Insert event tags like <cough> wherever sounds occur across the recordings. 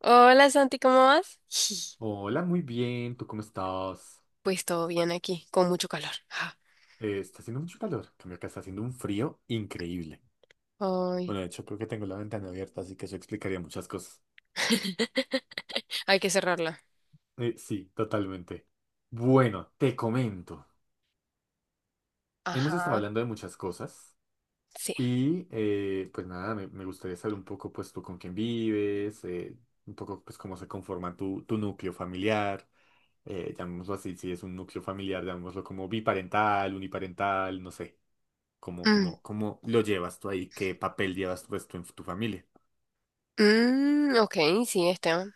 Hola Santi, ¿cómo vas? <laughs> Hola, muy bien. ¿Tú cómo estás? Pues todo bien aquí, con mucho calor. Ah, Está haciendo mucho calor. En cambio, acá está haciendo un frío increíble. ay, Bueno, de hecho, creo que tengo la ventana abierta, así que eso explicaría muchas cosas. <laughs> hay que cerrarla. Sí, totalmente. Bueno, te comento. Hemos estado Ajá, hablando de muchas cosas sí. y, pues nada, me gustaría saber un poco, pues tú con quién vives, un poco, pues cómo se conforma tu núcleo familiar. Llamémoslo así, si es un núcleo familiar, llamémoslo como biparental, uniparental, no sé. ¿Cómo, Mm, cómo, cómo lo llevas tú ahí? ¿Qué papel llevas tú esto en tu familia? mm, ok, sí, está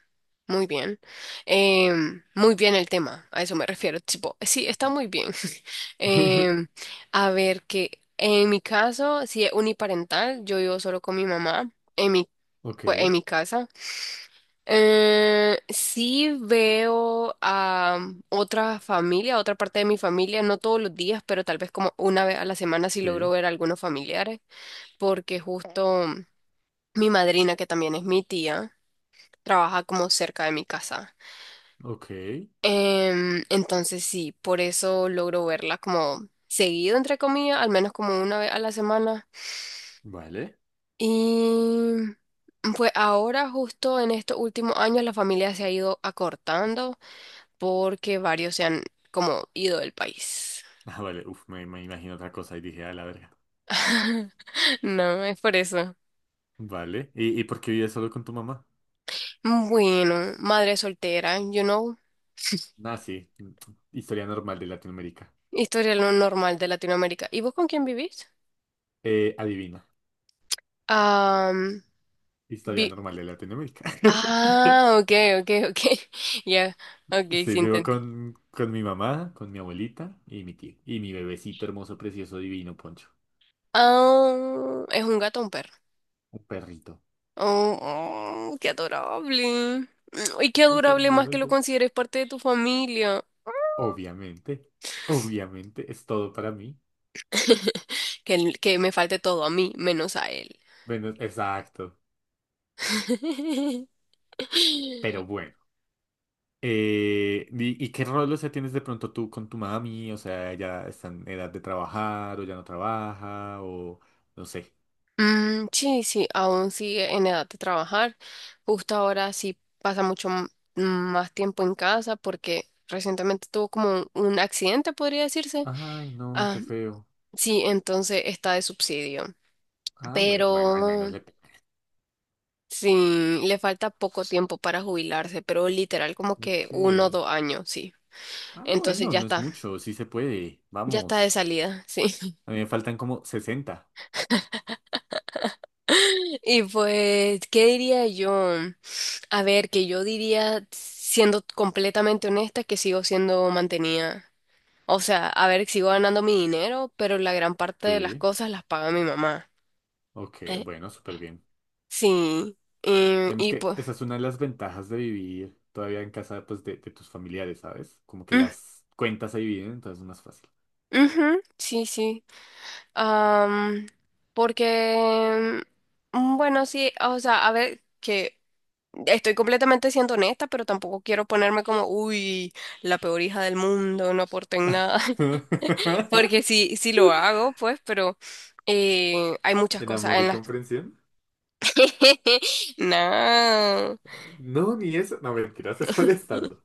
muy bien. Muy bien el tema, a eso me refiero. Tipo, sí, está muy bien. <laughs> Em, <laughs> a ver, que en mi caso, si es uniparental, yo vivo solo con mi mamá en mi, Ok, pues, en mi casa. Sí veo a otra familia, otra parte de mi familia, no todos los días, pero tal vez como una vez a la semana sí logro sí, ver a algunos familiares, porque justo mi madrina, que también es mi tía, trabaja como cerca de mi casa. ok, Entonces sí, por eso logro verla como seguido, entre comillas, al menos como una vez a la semana. vale. Y pues ahora justo en estos últimos años la familia se ha ido acortando, porque varios se han como ido del país. Ah, vale, uf, me imagino otra cosa y dije, a la verga. <laughs> No, es por eso. Vale, y por qué vives solo con tu mamá? Bueno, madre soltera, you know, Ah, sí, mm, historia normal de Latinoamérica. historia lo normal de Latinoamérica. ¿Y vos con quién vivís? Adivina, Am, historia vi- normal de Latinoamérica. <laughs> ah, ok, ok, ok. <laughs> Ya, ok, Sí, sí vivo entendí. Con mi mamá, con mi abuelita y mi tío. Y mi bebecito hermoso, precioso, divino, Poncho. Ah, ¿es un gato o un perro? Un perrito. Oh, oh, qué adorable. Mm, y qué Es adorable más que lo hermoso. consideres parte de tu familia. Obviamente, obviamente es todo para mí. <laughs> Que me falte todo a mí, menos a él. Bueno, exacto. <laughs> Pero bueno. ¿Y qué rol, o sea, tienes de pronto tú con tu mami? O sea, ya está en edad de trabajar o ya no trabaja o no sé. Mm, sí, sí, aún sigue en edad de trabajar. Justo ahora sí pasa mucho más tiempo en casa porque recientemente tuvo como un accidente, podría decirse. Ay, no, Ah, qué feo. sí, entonces está de subsidio. Ah, bueno, bueno, al menos Pero le... sí, le falta poco tiempo para jubilarse, pero literal como que Ok. uno o dos años, sí. Ah, Entonces bueno, no es mucho, sí se puede. ya está de Vamos. salida, <laughs> sí. A mí me faltan como sesenta. Y pues, ¿qué diría yo? A ver, que yo diría, siendo completamente honesta, que sigo siendo mantenida. O sea, a ver, sigo ganando mi dinero, pero la gran parte de las Sí. cosas las paga mi mamá. Ok, Eh, bueno, súper bien. sí, y, Digamos y que pues, esa es una de las ventajas de vivir todavía en casa, pues, de tus familiares, ¿sabes? Como que mm, las cuentas se dividen, entonces es más fácil. ujú, sí, sí. Am, Porque, bueno, sí, o sea, a ver, que estoy completamente siendo honesta, pero tampoco quiero ponerme como, uy, la peor hija del mundo, no aporto en nada. <laughs> Porque sí, sí lo hago, pues, pero hay muchas ¿En cosas amor en y las. comprensión? <laughs> No, No, ni eso. No, mentira, <laughs> estás molestando.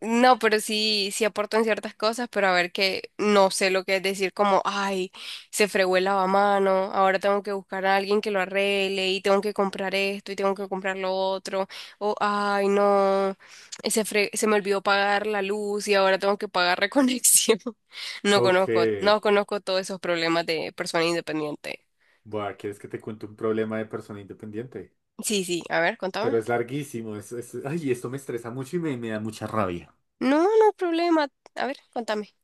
no, pero sí, sí aporto en ciertas cosas, pero a ver que no sé lo que es decir como, ay, se fregó el lavamano, ahora tengo que buscar a alguien que lo arregle y tengo que comprar esto y tengo que comprar lo otro, o ay, no, se me olvidó pagar la luz y ahora tengo que pagar reconexión. <laughs> No Ok. conozco, no conozco todos esos problemas de persona independiente. Buah, ¿quieres que te cuente un problema de persona independiente? Sí, sí, a ver, contame. Pero es larguísimo. Ay, esto me estresa mucho y me da mucha rabia. No, no hay problema. A ver, contame.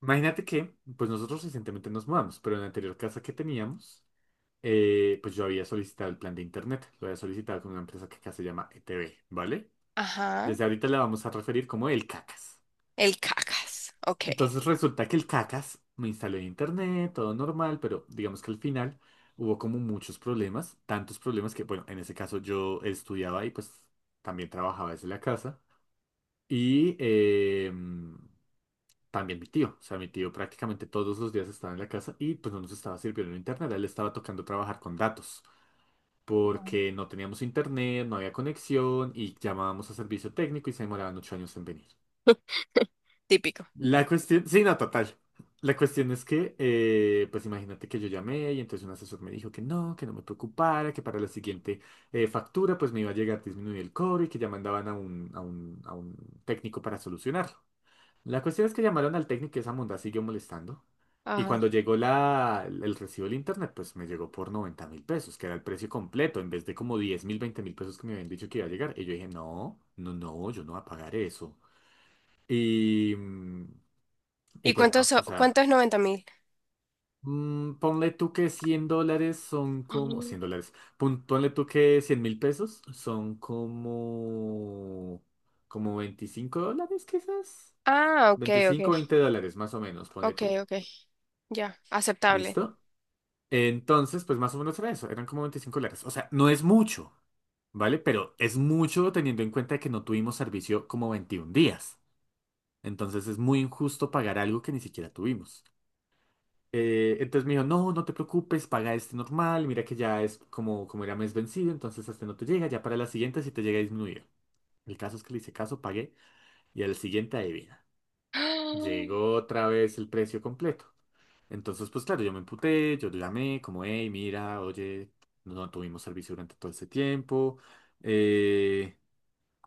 Imagínate que, pues nosotros recientemente nos mudamos, pero en la anterior casa que teníamos, pues yo había solicitado el plan de internet, lo había solicitado con una empresa que acá se llama ETV, ¿vale? Ajá, Desde ahorita la vamos a referir como el Cacas. el cacas. Ok, Entonces resulta que el Cacas me instaló en internet, todo normal, pero digamos que al final hubo como muchos problemas, tantos problemas que, bueno, en ese caso yo estudiaba y pues también trabajaba desde la casa. Y también mi tío, o sea, mi tío prácticamente todos los días estaba en la casa y pues no nos estaba sirviendo el internet, a él le estaba tocando trabajar con datos. Porque no teníamos internet, no había conexión y llamábamos a servicio técnico y se demoraban ocho años en venir. típico. La cuestión, sí, no, total. La cuestión es que, pues imagínate que yo llamé y entonces un asesor me dijo que no me preocupara, que para la siguiente factura pues me iba a llegar disminuir el cobro y que ya mandaban a a un técnico para solucionarlo. La cuestión es que llamaron al técnico y esa monda siguió molestando. Y Ajá. cuando llegó el recibo del internet, pues me llegó por 90.000 pesos, que era el precio completo, en vez de como 10.000, 20.000 pesos que me habían dicho que iba a llegar. Y yo dije, no, no, no, yo no voy a pagar eso. Y, mm, y ¿Y pues cuántos no, o sea, cuánto es 90.000? Ponle tú que $100 son como, $100, ponle tú que 100.000 pesos son como, como $25 quizás. Ah, ok, ok, Veinticinco 20 dólares más o menos, ponle ok, tú. ok, ya, aceptable. ¿Listo? <gasps> Entonces, pues más o menos era eso, eran como $25. O sea, no es mucho, ¿vale? Pero es mucho teniendo en cuenta que no tuvimos servicio como 21 días. Entonces es muy injusto pagar algo que ni siquiera tuvimos. Entonces me dijo, no, no te preocupes, paga este normal, mira que ya es como, como era mes vencido, entonces este no te llega, ya para la siguiente si te llega a disminuir. El caso es que le hice caso, pagué y al siguiente adivina. Ah, Llegó otra vez el precio completo. Entonces, pues claro, yo me emputé, yo llamé como, hey, mira, oye, no tuvimos servicio durante todo este tiempo, eh,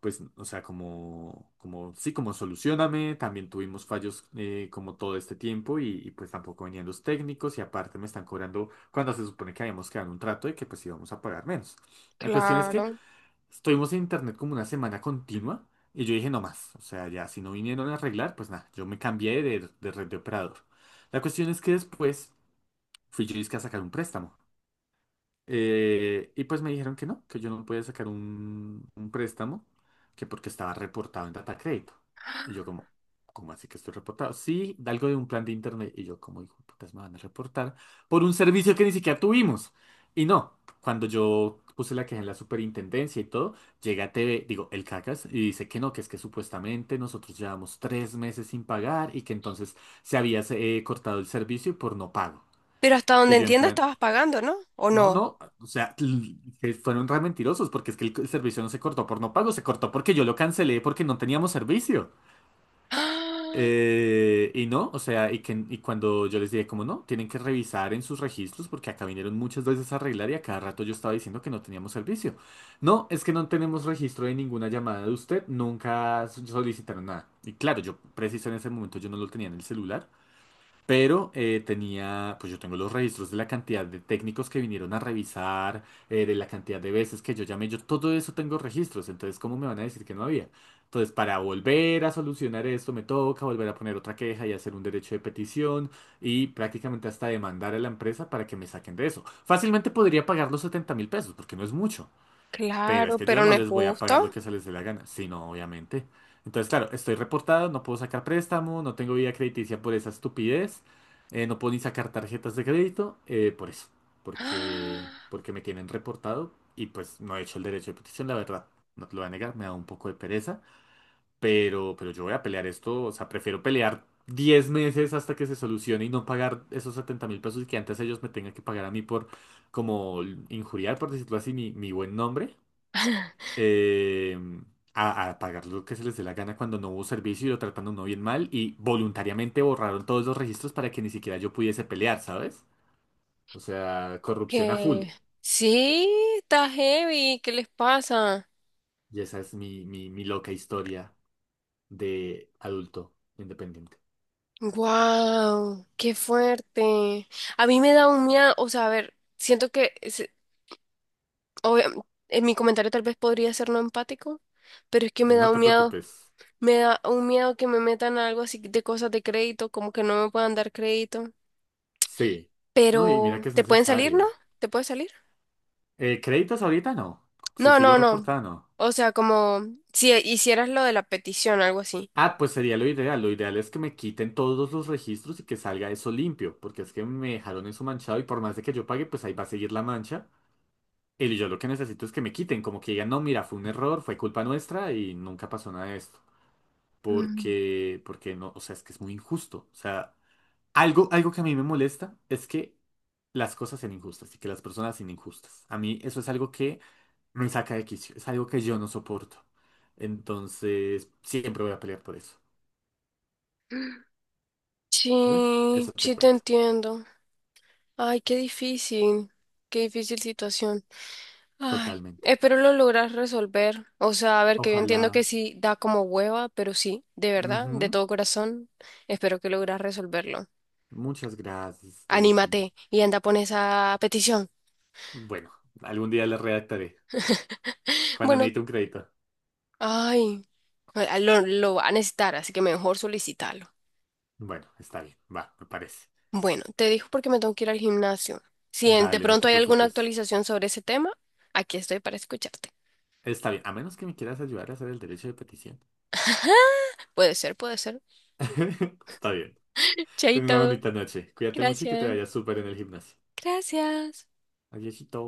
pues, o sea, sí, como solucioname, también tuvimos fallos como todo este tiempo pues tampoco venían los técnicos y aparte me están cobrando cuando se supone que habíamos quedado en un trato y que pues íbamos a pagar menos. La cuestión es que claro. estuvimos en internet como una semana continua y yo dije, no más, o sea, ya si no vinieron a arreglar, pues nada, yo me cambié de red de operador. La cuestión es que después fui yo dizque a sacar un préstamo. Y pues me dijeron que no, que yo no podía sacar un préstamo, que porque estaba reportado en data crédito. Y yo como, ¿cómo así que estoy reportado? Sí, de algo de un plan de internet. Y yo como, hijo de putas, me van a reportar por un servicio que ni siquiera tuvimos. Y no, cuando yo puse la queja en la superintendencia y todo, llega a TV, digo, el Cacas, y dice que no, que es que supuestamente nosotros llevamos 3 meses sin pagar y que entonces se había cortado el servicio por no pago. Pero hasta Y donde yo en entienda plan... estabas pagando, ¿no? ¿O No, no? no, o sea, que fueron re mentirosos porque es que el servicio no se cortó por no pago, se cortó porque yo lo cancelé porque no teníamos servicio. <gasps> Ah, Y no, o sea, y, que, y cuando yo les dije, como no, tienen que revisar en sus registros porque acá vinieron muchas veces a arreglar y a cada rato yo estaba diciendo que no teníamos servicio. No, es que no tenemos registro de ninguna llamada de usted, nunca solicitaron nada. Y claro, yo preciso en ese momento yo no lo tenía en el celular. Pero tenía, pues yo tengo los registros de la cantidad de técnicos que vinieron a revisar, de la cantidad de veces que yo llamé, yo todo eso tengo registros, entonces ¿cómo me van a decir que no había? Entonces, para volver a solucionar esto, me toca volver a poner otra queja y hacer un derecho de petición y prácticamente hasta demandar a la empresa para que me saquen de eso. Fácilmente podría pagar los 70 mil pesos, porque no es mucho. Pero es claro, que yo pero no no es les voy a pagar justo. lo que se les dé la gana, sino obviamente. Entonces, claro, estoy reportado, no puedo sacar préstamo, no tengo vida crediticia por esa estupidez, no puedo ni sacar tarjetas de crédito, por eso, porque <gasps> me tienen reportado y pues no he hecho el derecho de petición, la verdad, no te lo voy a negar, me da un poco de pereza, pero yo voy a pelear esto, o sea, prefiero pelear 10 meses hasta que se solucione y no pagar esos 70.000 pesos y que antes ellos me tengan que pagar a mí por como injuriar, por decirlo así, mi buen nombre Ah, eh, a pagar lo que se les dé la gana cuando no hubo servicio y lo tratan a uno bien mal y voluntariamente borraron todos los registros para que ni siquiera yo pudiese pelear, ¿sabes? O sea, corrupción a full. que sí, está heavy, ¿qué les pasa? Y esa es mi loca historia de adulto independiente. Wow, qué fuerte. A mí me da un miedo, o sea, a ver, siento que obvia- en mi comentario tal vez podría ser no empático, pero es que me No da un te miedo, preocupes. me da un miedo que me metan algo así de cosas de crédito, como que no me puedan dar crédito. Sí. No, y mira Pero, que es ¿te pueden salir, no? necesario. ¿Te puede salir? Créditos ahorita no. Si No, sigo no, no. reportando. O sea, como si hicieras lo de la petición, algo así. Ah, pues sería lo ideal. Lo ideal es que me quiten todos los registros y que salga eso limpio, porque es que me dejaron eso manchado y por más de que yo pague, pues ahí va a seguir la mancha. Y yo lo que necesito es que me quiten, como que digan, no, mira, fue un error, fue culpa nuestra y nunca pasó nada de esto. Mm. Porque no, o sea, es que es muy injusto. O sea, algo que a mí me molesta es que las cosas sean injustas y que las personas sean injustas. A mí eso es algo que me saca de quicio, es algo que yo no soporto. Entonces, siempre voy a pelear por eso. Y bueno, Sí, eso te sí te cuento. entiendo. Ay, qué difícil situación. Ay, Totalmente. espero lo logras resolver. O sea, a ver, que yo entiendo que Ojalá. sí da como hueva, pero sí, de verdad, de Ujú. todo corazón, espero que logras resolverlo. Muchas gracias, Stacy. Anímate y anda, pon esa petición. Bueno, algún día le redactaré. Cuando Bueno, necesite un crédito. ay, lo va a necesitar, así que mejor solicítalo. Bueno, está bien. Va, me parece. Bueno, te dijo porque me tengo que ir al gimnasio. Si de Dale, no pronto te hay alguna preocupes. actualización sobre ese tema, aquí estoy para escucharte. Está bien, a menos que me quieras ayudar a hacer el derecho de petición. Puede ser, puede ser. <laughs> Está bien. Ten una Chaito, bonita noche. Cuídate mucho y que te gracias. vaya súper en el gimnasio. Gracias. Adiósito.